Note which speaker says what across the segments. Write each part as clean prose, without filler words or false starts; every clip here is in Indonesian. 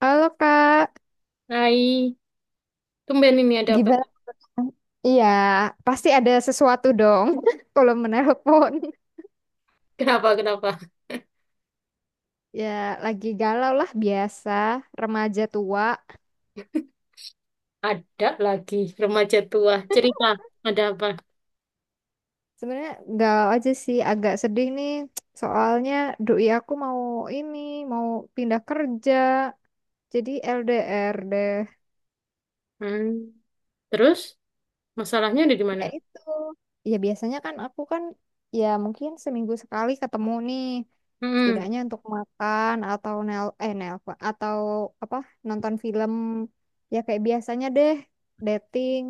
Speaker 1: Halo Kak,
Speaker 2: Hai, tumben ini ada apa
Speaker 1: gimana?
Speaker 2: nih?
Speaker 1: Iya, pasti ada sesuatu dong kalau menelpon.
Speaker 2: Kenapa, kenapa?
Speaker 1: Ya, lagi galau lah biasa, remaja tua.
Speaker 2: Ada lagi remaja tua. Cerita, ada apa?
Speaker 1: Sebenarnya galau aja sih, agak sedih nih. Soalnya doi aku mau ini, mau pindah kerja, jadi LDR deh.
Speaker 2: Hmm. Terus, masalahnya ada di mana?
Speaker 1: Ya itu. Ya biasanya kan aku kan ya mungkin seminggu sekali ketemu nih,
Speaker 2: Hmm.
Speaker 1: setidaknya untuk makan atau nelpon atau apa, nonton film, ya kayak biasanya deh, dating.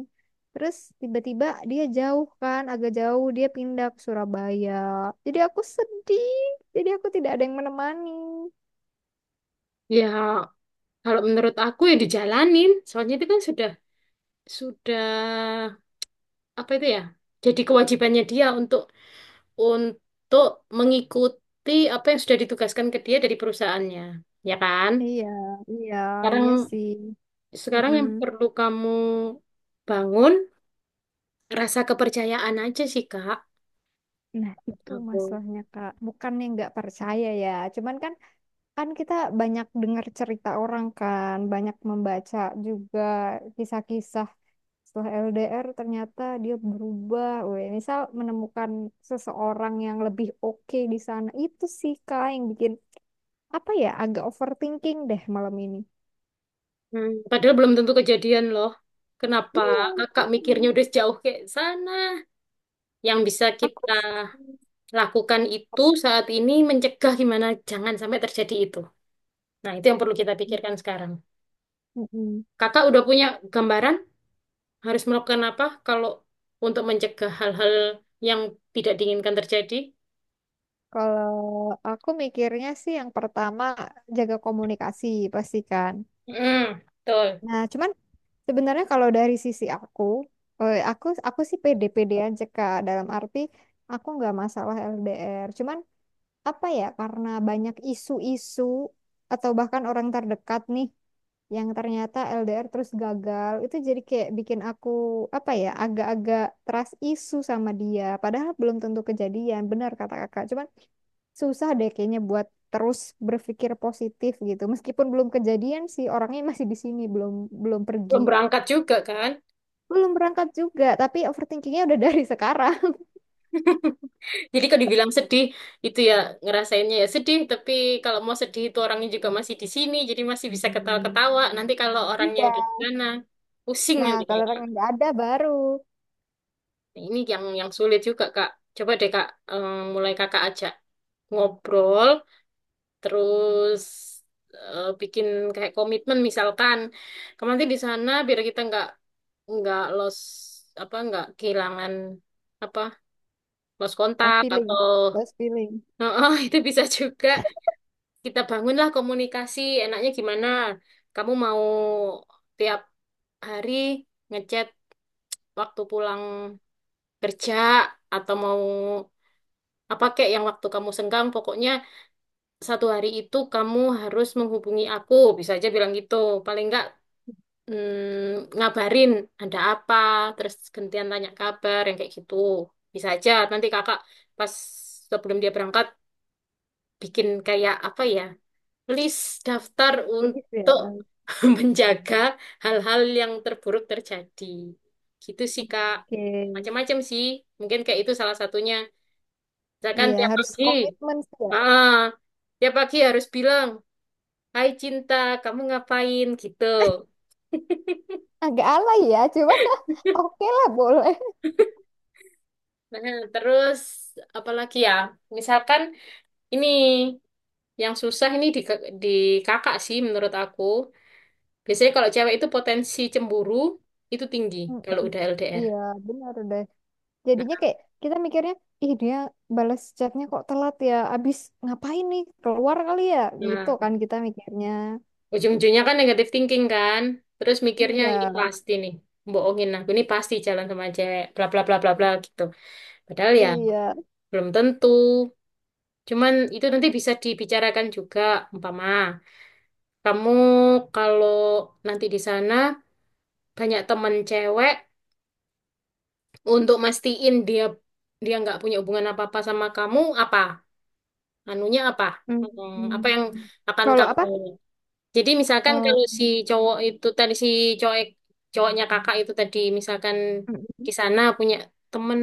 Speaker 1: Terus tiba-tiba dia jauh kan, agak jauh, dia pindah ke Surabaya. Jadi aku sedih. Jadi aku tidak ada yang menemani.
Speaker 2: Ya, kalau menurut aku ya dijalanin. Soalnya itu kan sudah, apa itu ya? Jadi kewajibannya dia untuk mengikuti apa yang sudah ditugaskan ke dia dari perusahaannya. Ya kan?
Speaker 1: Iya, iya, iya
Speaker 2: Sekarang,
Speaker 1: sih.
Speaker 2: sekarang,
Speaker 1: Mm-mm.
Speaker 2: yang perlu kamu bangun rasa kepercayaan aja sih, Kak.
Speaker 1: Nah, itu
Speaker 2: Aku.
Speaker 1: masalahnya, Kak. Bukannya nggak percaya ya. Cuman kan kan kita banyak dengar cerita orang kan, banyak membaca juga kisah-kisah, setelah LDR ternyata dia berubah. Weh, misal menemukan seseorang yang lebih oke di sana. Itu sih Kak yang bikin apa ya, agak overthinking deh malam ini.
Speaker 2: Padahal belum tentu kejadian loh. Kenapa
Speaker 1: Iya,
Speaker 2: kakak mikirnya
Speaker 1: makanya.
Speaker 2: udah sejauh kayak sana? Yang bisa
Speaker 1: Aku
Speaker 2: kita
Speaker 1: sih-.
Speaker 2: lakukan itu saat ini mencegah gimana jangan sampai terjadi itu. Nah, itu yang perlu kita pikirkan sekarang.
Speaker 1: Mm-mm.
Speaker 2: Kakak udah punya gambaran harus melakukan apa kalau untuk mencegah hal-hal yang tidak diinginkan terjadi?
Speaker 1: Kalau aku mikirnya sih yang pertama jaga komunikasi, pastikan.
Speaker 2: Hmm, betul.
Speaker 1: Nah, cuman sebenarnya kalau dari sisi aku, aku sih pede-pede aja Kak. Dalam arti aku nggak masalah LDR. Cuman apa ya? Karena banyak isu-isu atau bahkan orang terdekat nih yang ternyata LDR terus gagal, itu jadi kayak bikin aku apa ya? Agak-agak trust isu sama dia. Padahal belum tentu kejadian. Benar kata Kakak. Cuman susah deh kayaknya buat terus berpikir positif gitu. Meskipun belum kejadian sih, orangnya masih di sini, belum belum pergi.
Speaker 2: Belum berangkat juga kan?
Speaker 1: Belum berangkat juga, tapi overthinkingnya udah dari sekarang.
Speaker 2: Jadi kalau dibilang sedih itu ya ngerasainnya ya sedih, tapi kalau mau sedih itu orangnya juga masih di sini, jadi masih bisa ketawa-ketawa. Nanti kalau orangnya udah
Speaker 1: Iya.
Speaker 2: di sana, pusing
Speaker 1: Nah,
Speaker 2: nanti
Speaker 1: kalau orang
Speaker 2: kayaknya.
Speaker 1: yang nggak ada baru,
Speaker 2: Nah, ini yang sulit juga, Kak. Coba deh Kak, mulai Kakak ajak ngobrol, terus bikin kayak komitmen misalkan. Kamu nanti di sana biar kita nggak los apa nggak kehilangan apa los
Speaker 1: oh,
Speaker 2: kontak atau
Speaker 1: feeling, just feeling.
Speaker 2: Oh, itu bisa juga. Kita bangunlah komunikasi, enaknya gimana? Kamu mau tiap hari ngechat waktu pulang kerja, atau mau apa kayak yang waktu kamu senggang. Pokoknya satu hari itu kamu harus menghubungi aku, bisa aja bilang gitu. Paling enggak ngabarin ada apa, terus gantian tanya kabar yang kayak gitu. Bisa aja nanti kakak pas sebelum dia berangkat bikin kayak apa ya, please daftar
Speaker 1: Please ya.
Speaker 2: untuk menjaga hal-hal yang terburuk terjadi. Gitu sih, Kak.
Speaker 1: Oke.
Speaker 2: Macam-macam sih. Mungkin kayak itu salah satunya. Misalkan
Speaker 1: Iya, harus komitmen sih ya.
Speaker 2: ah, tiap pagi harus bilang, "Hai cinta, kamu ngapain?" Gitu.
Speaker 1: Agak alay ya, cuma oke lah boleh.
Speaker 2: Nah, terus apalagi ya? Misalkan ini yang susah ini di kakak sih menurut aku. Biasanya kalau cewek itu potensi cemburu itu tinggi kalau
Speaker 1: Mm-mm.
Speaker 2: udah LDR.
Speaker 1: Iya, benar deh. Jadinya kayak kita mikirnya, ih dia balas chatnya kok telat ya, abis ngapain nih, keluar kali ya, gitu
Speaker 2: Nah,
Speaker 1: kan kita mikirnya.
Speaker 2: ujung-ujungnya kan negatif thinking kan. Terus mikirnya
Speaker 1: Iya,
Speaker 2: ini pasti nih. Bohongin aku ini pasti jalan sama cewek. Bla bla bla bla bla gitu. Padahal ya
Speaker 1: iya.
Speaker 2: belum tentu. Cuman itu nanti bisa dibicarakan juga umpama. Kamu kalau nanti di sana banyak temen cewek, untuk mastiin dia dia nggak punya hubungan apa-apa sama kamu apa? Anunya apa? Apa
Speaker 1: Mm.
Speaker 2: yang akan
Speaker 1: Kalau apa?
Speaker 2: kamu? Jadi misalkan
Speaker 1: Oh,
Speaker 2: kalau si cowok itu tadi si cowok cowoknya kakak itu tadi misalkan
Speaker 1: mm.
Speaker 2: di sana punya temen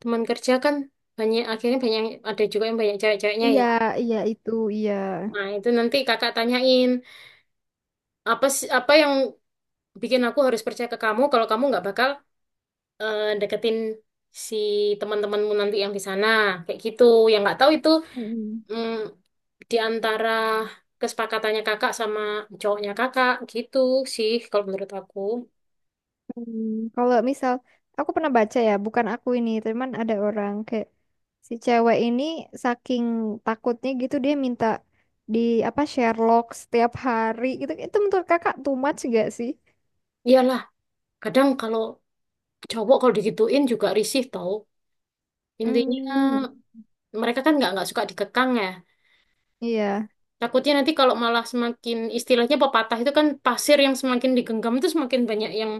Speaker 2: teman kerja kan banyak, akhirnya banyak, ada juga yang banyak cewek-ceweknya ya.
Speaker 1: Iya, iya itu, iya.
Speaker 2: Nah itu nanti kakak tanyain apa yang bikin aku harus percaya ke kamu kalau kamu nggak bakal deketin si teman-temanmu nanti yang di sana kayak gitu. Yang nggak tahu itu
Speaker 1: Mm-mm.
Speaker 2: mm, di antara kesepakatannya kakak sama cowoknya kakak gitu sih kalau menurut aku.
Speaker 1: Hmm, kalau misal aku pernah baca ya, bukan aku ini, teman, ada orang kayak si cewek ini, saking takutnya gitu dia minta di apa Sherlock setiap hari gitu. Itu menurut kakak too much gak sih?
Speaker 2: Iyalah, kadang kalau cowok kalau digituin juga risih tau. Intinya
Speaker 1: Hmm,
Speaker 2: mereka kan nggak suka dikekang ya.
Speaker 1: iya,
Speaker 2: Takutnya nanti kalau malah semakin istilahnya pepatah itu kan pasir yang semakin digenggam itu semakin banyak yang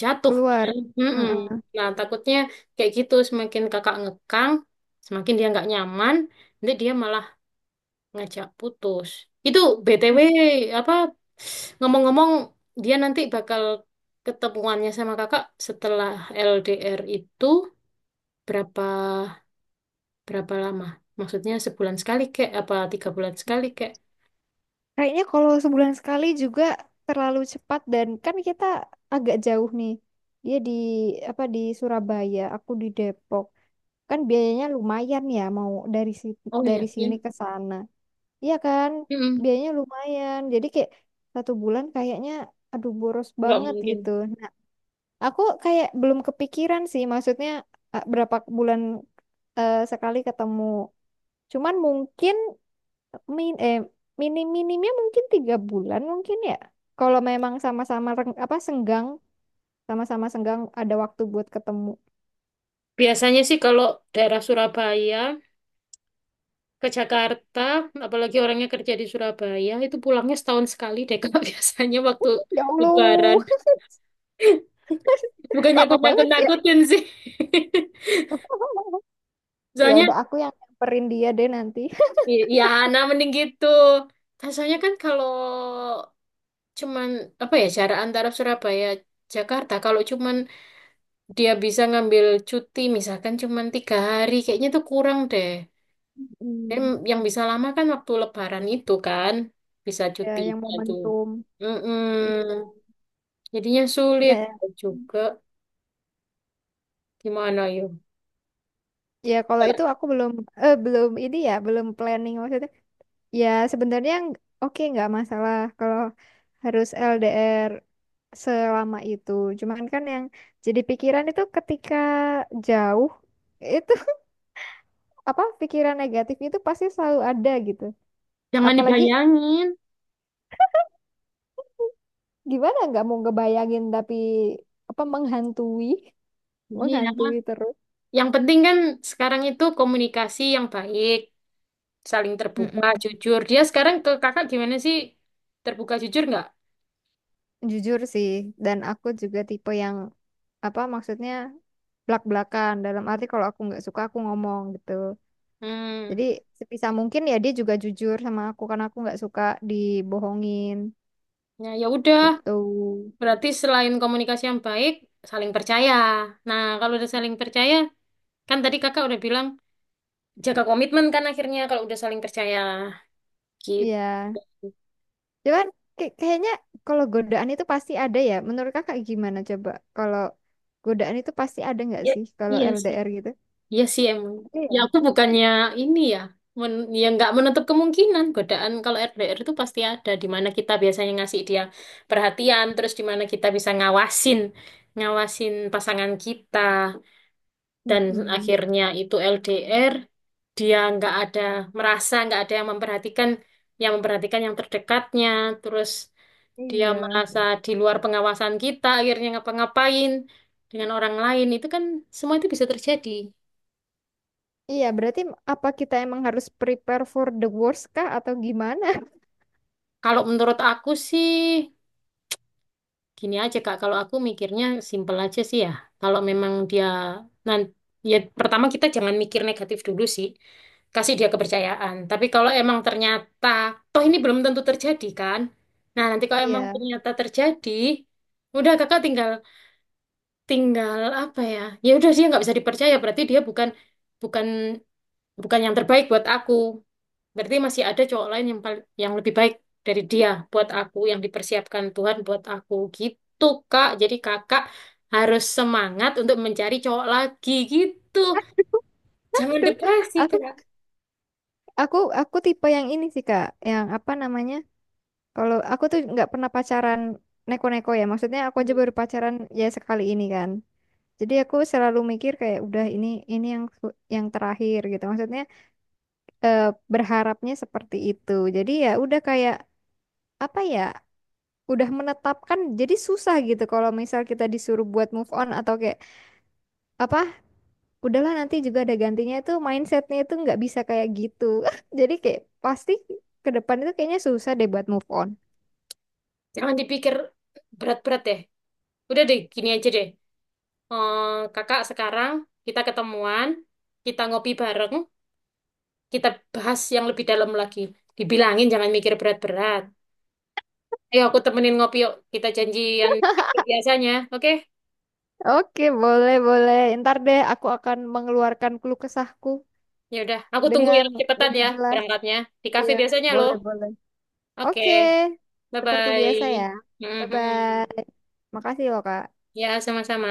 Speaker 2: jatuh
Speaker 1: keluar.
Speaker 2: kan. Mm-mm.
Speaker 1: Heeh.
Speaker 2: Nah takutnya kayak gitu semakin kakak ngekang, semakin dia nggak nyaman, nanti dia malah ngajak putus. Itu BTW
Speaker 1: Hmm.
Speaker 2: apa ngomong-ngomong dia nanti bakal ketemuannya sama kakak setelah LDR itu berapa berapa lama? Maksudnya sebulan sekali kek apa tiga bulan sekali kek?
Speaker 1: Kayaknya kalau sebulan sekali juga terlalu cepat, dan kan kita agak jauh nih. Dia di apa di Surabaya, aku di Depok. Kan biayanya lumayan ya, mau dari
Speaker 2: Oh iya
Speaker 1: dari sini
Speaker 2: sih.
Speaker 1: ke sana. Iya kan?
Speaker 2: Mm-mm.
Speaker 1: Biayanya lumayan. Jadi kayak 1 bulan kayaknya aduh boros
Speaker 2: Nggak
Speaker 1: banget
Speaker 2: mungkin.
Speaker 1: gitu. Nah, aku kayak belum kepikiran sih, maksudnya berapa bulan sekali ketemu. Cuman mungkin min eh minim-minimnya mungkin 3 bulan mungkin ya. Kalau memang sama-sama reng- apa senggang, sama-sama senggang ada waktu buat ketemu.
Speaker 2: Biasanya sih kalau daerah Surabaya ke Jakarta, apalagi orangnya kerja di Surabaya, itu pulangnya setahun sekali deh Kak, biasanya waktu
Speaker 1: Ya
Speaker 2: Lebaran.
Speaker 1: Allah,
Speaker 2: Bukannya aku
Speaker 1: lama banget ya.
Speaker 2: nakut-nakutin sih.
Speaker 1: Ya
Speaker 2: Soalnya,
Speaker 1: udah, aku yang nyamperin dia deh nanti.
Speaker 2: ya nah mending gitu. Nah, soalnya kan kalau cuman, apa ya, jarak antara Surabaya Jakarta, kalau cuman dia bisa ngambil cuti misalkan cuma tiga hari kayaknya itu kurang deh. Dan
Speaker 1: Mm.
Speaker 2: yang bisa lama kan waktu lebaran itu kan bisa
Speaker 1: Ya
Speaker 2: cuti
Speaker 1: yang
Speaker 2: itu.
Speaker 1: momentum.
Speaker 2: Mm-mm.
Speaker 1: Iya.
Speaker 2: Jadinya
Speaker 1: Ya.
Speaker 2: sulit
Speaker 1: Ya,
Speaker 2: juga, gimana yuk?
Speaker 1: ya, kalau itu aku belum ini ya, belum planning maksudnya. Ya sebenarnya oke, nggak masalah kalau harus LDR selama itu. Cuman kan yang jadi pikiran itu ketika jauh itu apa, pikiran negatif itu pasti selalu ada gitu.
Speaker 2: Jangan
Speaker 1: Apalagi
Speaker 2: dibayangin.
Speaker 1: gimana, nggak mau ngebayangin tapi apa, menghantui,
Speaker 2: Iya,
Speaker 1: menghantui terus.
Speaker 2: yang penting kan sekarang itu komunikasi yang baik, saling terbuka
Speaker 1: Mm-mm.
Speaker 2: jujur. Dia sekarang ke kakak gimana sih, terbuka jujur nggak?
Speaker 1: Jujur sih, dan aku juga tipe yang apa, maksudnya blak-blakan, dalam arti kalau aku nggak suka aku ngomong gitu.
Speaker 2: Hmm.
Speaker 1: Jadi sebisa mungkin ya dia juga jujur sama aku, karena aku nggak suka dibohongin
Speaker 2: Ya, ya udah.
Speaker 1: gitu.
Speaker 2: Berarti selain komunikasi yang baik, saling percaya. Nah, kalau udah saling percaya, kan tadi kakak udah bilang jaga komitmen kan akhirnya kalau udah saling percaya. Gitu.
Speaker 1: Iya, cuman kayaknya kalau godaan itu pasti ada ya. Menurut kakak gimana coba? Kalau godaan itu pasti ada nggak
Speaker 2: Ya,
Speaker 1: sih kalau
Speaker 2: iya sih.
Speaker 1: LDR gitu?
Speaker 2: Iya sih emang. Ya
Speaker 1: Iya.
Speaker 2: aku bukannya ini ya, men ya nggak menutup kemungkinan godaan kalau RDR itu pasti ada. Di mana kita biasanya ngasih dia perhatian, terus di mana kita bisa ngawasin pasangan kita, dan
Speaker 1: Mm-mm.
Speaker 2: akhirnya itu LDR. Dia nggak ada merasa nggak ada yang memperhatikan yang terdekatnya, terus dia
Speaker 1: Iya.
Speaker 2: merasa di luar pengawasan kita akhirnya ngapa-ngapain dengan orang lain, itu kan semua itu bisa terjadi.
Speaker 1: Iya, berarti apa, kita emang harus prepare for the worst kah atau gimana?
Speaker 2: Kalau menurut aku sih gini aja Kak, kalau aku mikirnya simpel aja sih ya. Kalau memang dia nanti ya pertama kita jangan mikir negatif dulu sih. Kasih dia kepercayaan. Tapi kalau emang ternyata toh ini belum tentu terjadi kan. Nah, nanti kalau emang
Speaker 1: Iya.
Speaker 2: ternyata terjadi, udah Kakak tinggal tinggal apa ya? Ya udah dia nggak bisa dipercaya berarti dia bukan bukan bukan yang terbaik buat aku. Berarti masih ada cowok lain yang yang lebih baik dari dia buat aku, yang dipersiapkan Tuhan buat aku gitu, Kak. Jadi kakak harus semangat untuk mencari cowok lagi gitu. Jangan
Speaker 1: Aduh,
Speaker 2: depresi,
Speaker 1: aku
Speaker 2: Kak.
Speaker 1: aku tipe yang ini sih Kak, yang apa namanya? Kalau aku tuh nggak pernah pacaran neko-neko ya. Maksudnya aku aja
Speaker 2: Hmm.
Speaker 1: baru pacaran ya sekali ini kan. Jadi aku selalu mikir kayak udah ini yang terakhir gitu. Maksudnya eh, berharapnya seperti itu. Jadi ya udah kayak apa ya? Udah menetapkan, jadi susah gitu kalau misal kita disuruh buat move on, atau kayak apa, udahlah nanti juga ada gantinya, itu mindsetnya itu nggak bisa kayak gitu, jadi kayak pasti ke depan itu kayaknya susah deh buat move on.
Speaker 2: Jangan dipikir berat-berat deh. Udah deh, gini aja deh. Eh, kakak sekarang kita ketemuan, kita ngopi bareng, kita bahas yang lebih dalam lagi. Dibilangin jangan mikir berat-berat. Ayo aku temenin ngopi yuk. Kita janjian kayak biasanya, oke?
Speaker 1: Oke, boleh boleh, ntar deh aku akan mengeluarkan keluh kesahku
Speaker 2: Ya udah, aku tunggu ya
Speaker 1: dengan
Speaker 2: cepetan
Speaker 1: lebih
Speaker 2: ya
Speaker 1: jelas.
Speaker 2: berangkatnya di kafe
Speaker 1: Iya,
Speaker 2: biasanya loh.
Speaker 1: boleh boleh.
Speaker 2: Oke,
Speaker 1: Oke,
Speaker 2: bye
Speaker 1: seperti biasa ya.
Speaker 2: bye.
Speaker 1: Bye bye. Makasih loh Kak.
Speaker 2: Ya, sama-sama.